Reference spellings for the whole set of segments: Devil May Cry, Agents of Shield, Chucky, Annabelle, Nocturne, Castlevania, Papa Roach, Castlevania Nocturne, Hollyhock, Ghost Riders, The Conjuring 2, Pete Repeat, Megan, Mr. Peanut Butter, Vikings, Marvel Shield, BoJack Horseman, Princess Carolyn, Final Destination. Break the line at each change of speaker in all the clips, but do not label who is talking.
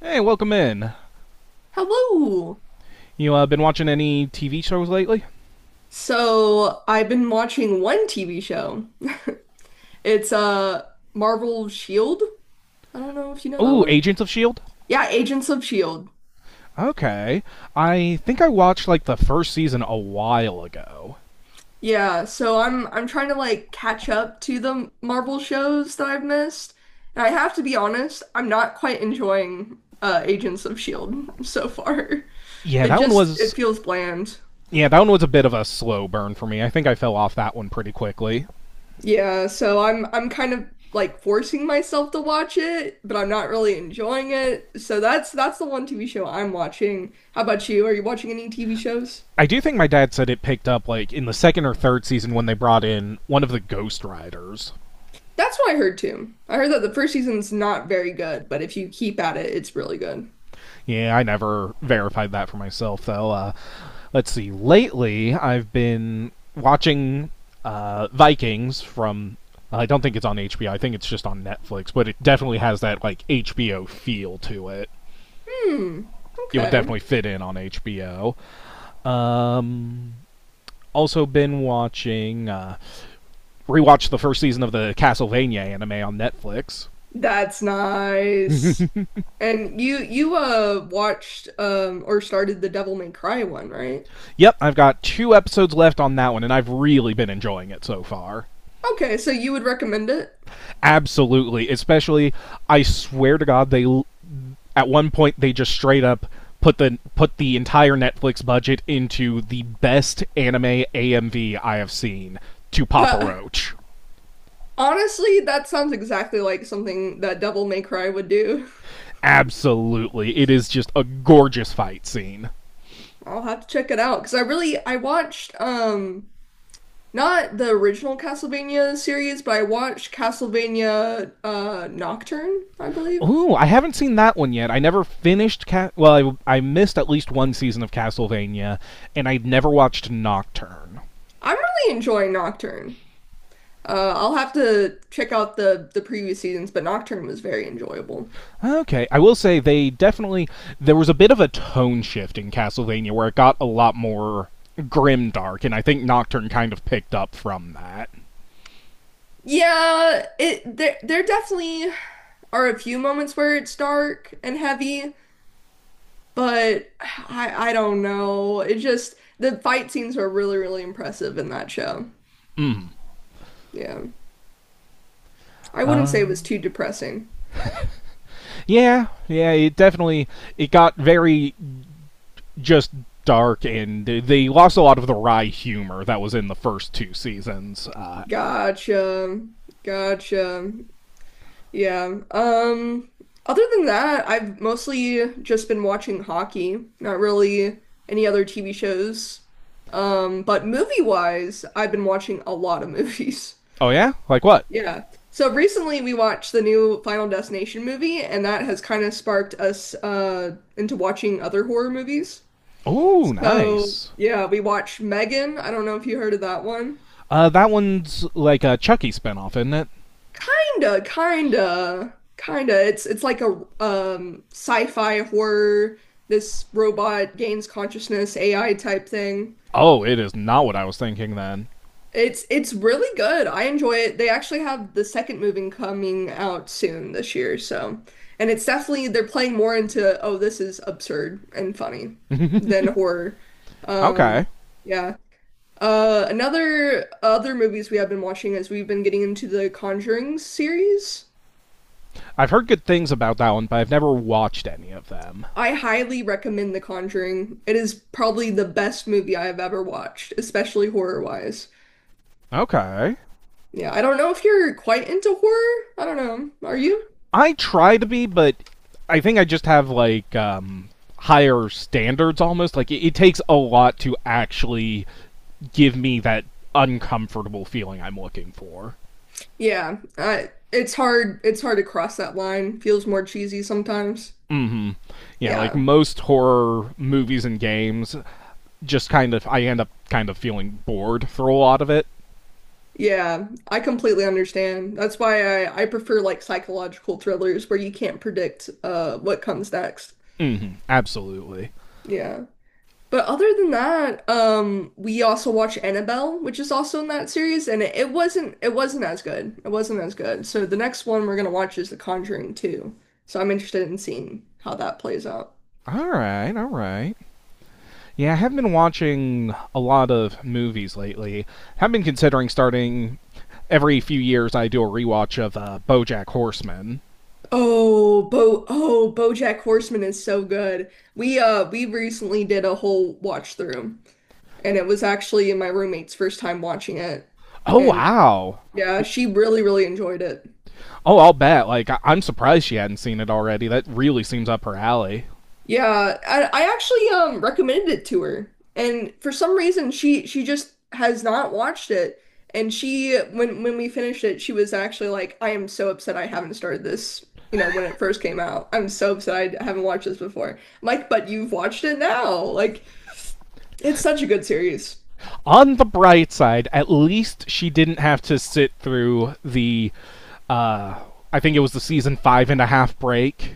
Hey, welcome in.
Hello.
You been watching any TV shows lately?
So I've been watching one TV show. It's Marvel Shield. I don't know if you know that
Ooh,
one.
Agents of Shield.
Yeah, Agents of Shield.
Okay, I think I watched like the first season a while ago.
Yeah, so I'm trying to like catch up to the Marvel shows that I've missed. And I have to be honest, I'm not quite enjoying Agents of Shield so far.
Yeah,
It
that one
just
was
it feels bland.
yeah, that one was a bit of a slow burn for me. I think I fell off that one pretty quickly.
Yeah, so I'm kind of like forcing myself to watch it, but I'm not really enjoying it. So that's the one TV show I'm watching. How about you? Are you watching any TV shows?
I do think my dad said it picked up like in the second or third season when they brought in one of the Ghost Riders.
That's what I heard too. I heard that the first season's not very good, but if you keep at it, it's really good.
Yeah, I never verified that for myself though. Let's see. Lately, I've been watching Vikings from. I don't think it's on HBO. I think it's just on Netflix, but it definitely has that like HBO feel to it.
Hmm.
It would
Okay.
definitely fit in on HBO. Um, Also been watching rewatched the first season of the Castlevania anime on Netflix.
That's nice. And you watched or started the Devil May Cry one, right?
Yep, I've got two episodes left on that one, and I've really been enjoying it so far.
Okay, so you would recommend it?
Absolutely, especially I swear to God, they at one point they just straight up put the entire Netflix budget into the best anime AMV I have seen to Papa Roach.
Honestly, that sounds exactly like something that Devil May Cry would do.
Absolutely, it is just a gorgeous fight scene.
I'll have to check it out because I watched not the original Castlevania series, but I watched Castlevania Nocturne, I believe.
Ooh, I haven't seen that one yet. I never finished. Well, I missed at least one season of Castlevania, and I never watched Nocturne.
I'm really enjoying Nocturne. I'll have to check out the previous seasons, but Nocturne was very enjoyable.
Okay, I will say they definitely there was a bit of a tone shift in Castlevania where it got a lot more grim dark, and I think Nocturne kind of picked up from that.
Yeah, it there there definitely are a few moments where it's dark and heavy, but I don't know. It just the fight scenes are really, really impressive in that show. Yeah. I wouldn't
Uh,
say it was too depressing.
yeah, it definitely it got very just dark, and they lost a lot of the wry humor that was in the first two seasons.
Gotcha. Gotcha. Yeah. Other than that, I've mostly just been watching hockey, not really any other TV shows. But movie-wise, I've been watching a lot of movies.
Oh yeah, like what?
Yeah. So recently we watched the new Final Destination movie, and that has kind of sparked us into watching other horror movies.
Oh,
So
nice.
yeah, we watched Megan. I don't know if you heard of that one.
That one's like a Chucky spinoff, isn't it?
Kinda, kinda, kinda. It's like a sci-fi horror. This robot gains consciousness, AI type thing.
Oh, it is not what I was thinking then.
It's really good. I enjoy it. They actually have the second movie coming out soon this year, so and it's definitely they're playing more into oh this is absurd and funny than horror.
Okay.
Um yeah. Another other movies we have been watching is we've been getting into the Conjuring series.
I've heard good things about that one, but I've never watched any of them.
I highly recommend The Conjuring. It is probably the best movie I have ever watched, especially horror wise.
Okay.
Yeah, I don't know if you're quite into horror. I don't know. Are you?
I try to be, but I think I just have like higher standards almost. Like it takes a lot to actually give me that uncomfortable feeling I'm looking for.
Yeah, it's hard. It's hard to cross that line. Feels more cheesy sometimes.
Mhm. Yeah, like
Yeah,
most horror movies and games just kind of I end up kind of feeling bored through a lot of it.
yeah, I completely understand. That's why I prefer like psychological thrillers where you can't predict what comes next.
Mhm. Absolutely.
Yeah, but other than that, we also watch Annabelle, which is also in that series, and it wasn't as good. It wasn't as good. So the next one we're gonna watch is The Conjuring 2. So I'm interested in seeing how that plays out.
All right, all right. Yeah, I have been watching a lot of movies lately. I've been considering starting every few years I do a rewatch of BoJack Horseman.
Oh, Bo oh, BoJack Horseman is so good. We we recently did a whole watch through and it was actually my roommate's first time watching it.
Oh
And
wow!
yeah, she really really enjoyed it.
Oh, I'll bet. Like I'm surprised she hadn't seen it already. That really seems up her alley.
Yeah, I actually recommended it to her. And for some reason she just has not watched it. And she when we finished it, she was actually like, "I am so upset I haven't started this, you know, when it first came out. I'm so upset I haven't watched this before." I'm like, but you've watched it now. Like it's such a good series.
On the bright side, at least she didn't have to sit through the uh, I think it was the season five and a half break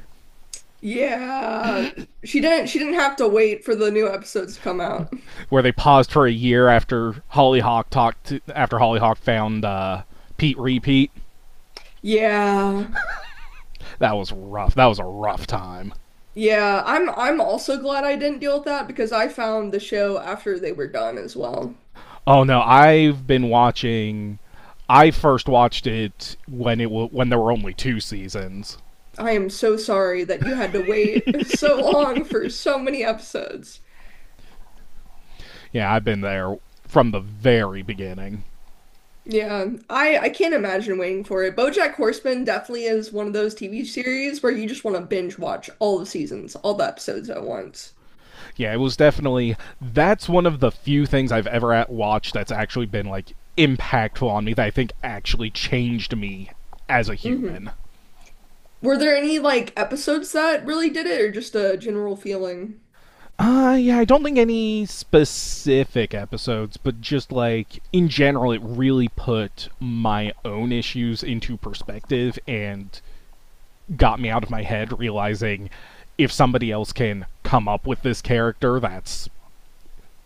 Yeah. She didn't have to wait for the new episodes to come out.
where they paused for a year after Hollyhock talked to, after Hollyhock found Pete Repeat.
Yeah.
That was rough. That was a rough time.
Yeah, I'm also glad I didn't deal with that because I found the show after they were done as well.
Oh no, I've been watching. I first watched it when it when there were only two seasons.
I am so sorry that you had to wait so long for so many episodes.
Yeah, I've been there from the very beginning.
Yeah, I can't imagine waiting for it. BoJack Horseman definitely is one of those TV series where you just want to binge watch all the seasons, all the episodes at once.
Yeah, it was definitely that's one of the few things I've ever watched that's actually been like impactful on me that I think actually changed me as a
Mm-hmm.
human.
Were there any like episodes that really did it, or just a general feeling?
Yeah, I don't think any specific episodes, but just like in general, it really put my own issues into perspective and got me out of my head realizing if somebody else can come up with this character that's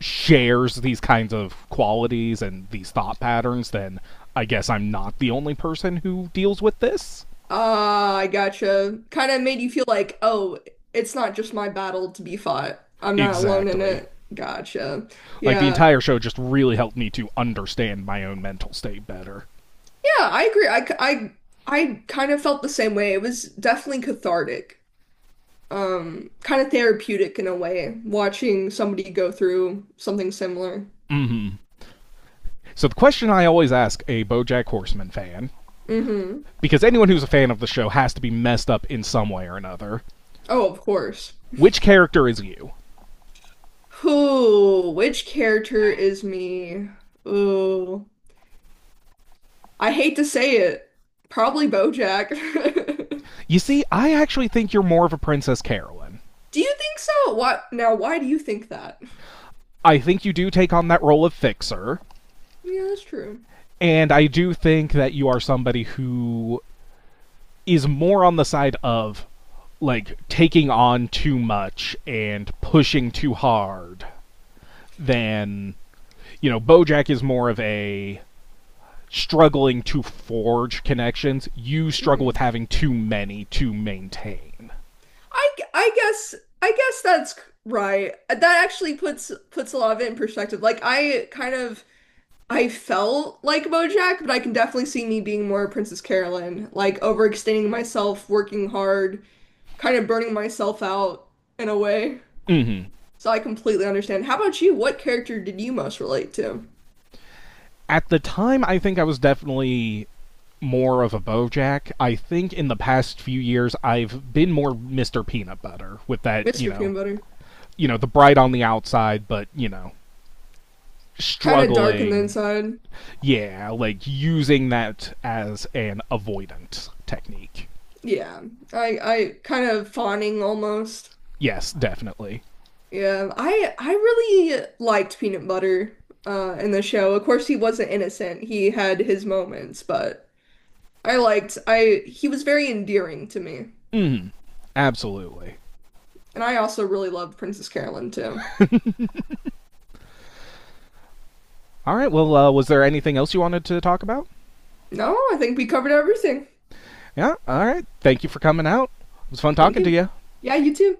shares these kinds of qualities and these thought patterns, then I guess I'm not the only person who deals with this.
Ah, I gotcha. Kind of made you feel like, oh, it's not just my battle to be fought. I'm not alone in
Exactly.
it. Gotcha.
Like the
Yeah.
entire show just really helped me to understand my own mental state better.
Yeah, I agree. I kind of felt the same way. It was definitely cathartic. Kind of therapeutic in a way, watching somebody go through something similar.
Mm hmm. So the question I always ask a BoJack Horseman fan,
Mm-hmm.
because anyone who's a fan of the show has to be messed up in some way or another,
Oh, of course.
which character is you?
Who, which character is me? Ooh. I hate to say it, probably BoJack. Do
You see, I actually think you're more of a Princess Carolyn.
you think so? What now? Why do you think that?
I think you do take on that role of fixer,
Yeah, that's true.
and I do think that you are somebody who is more on the side of like taking on too much and pushing too hard than you know bojack is more of a struggling to forge connections, you struggle with
Hmm.
having too many to maintain.
I I guess I guess that's right. That actually puts a lot of it in perspective. Like I kind of I felt like BoJack, but I can definitely see me being more Princess Carolyn, like overextending myself, working hard, kind of burning myself out in a way.
Hmm.
So I completely understand. How about you? What character did you most relate to?
At the time, I think I was definitely more of a Bojack. I think in the past few years, I've been more Mr. Peanut Butter with that,
Mr. Peanut Butter.
you know, the bright on the outside, but you know,
Kind of dark on the
struggling.
inside.
Yeah, like using that as an avoidant technique.
Yeah. I kind of fawning almost.
Yes, definitely.
Yeah. I really liked Peanut Butter in the show. Of course he wasn't innocent. He had his moments, but I liked I he was very endearing to me.
Mm, absolutely.
And I also really loved Princess Carolyn too.
All right. Well, was there anything else you wanted to talk about?
No, I think we covered everything.
Yeah, all right. Thank you for coming out. It was fun
Thank
talking to
you.
you.
Yeah, you too.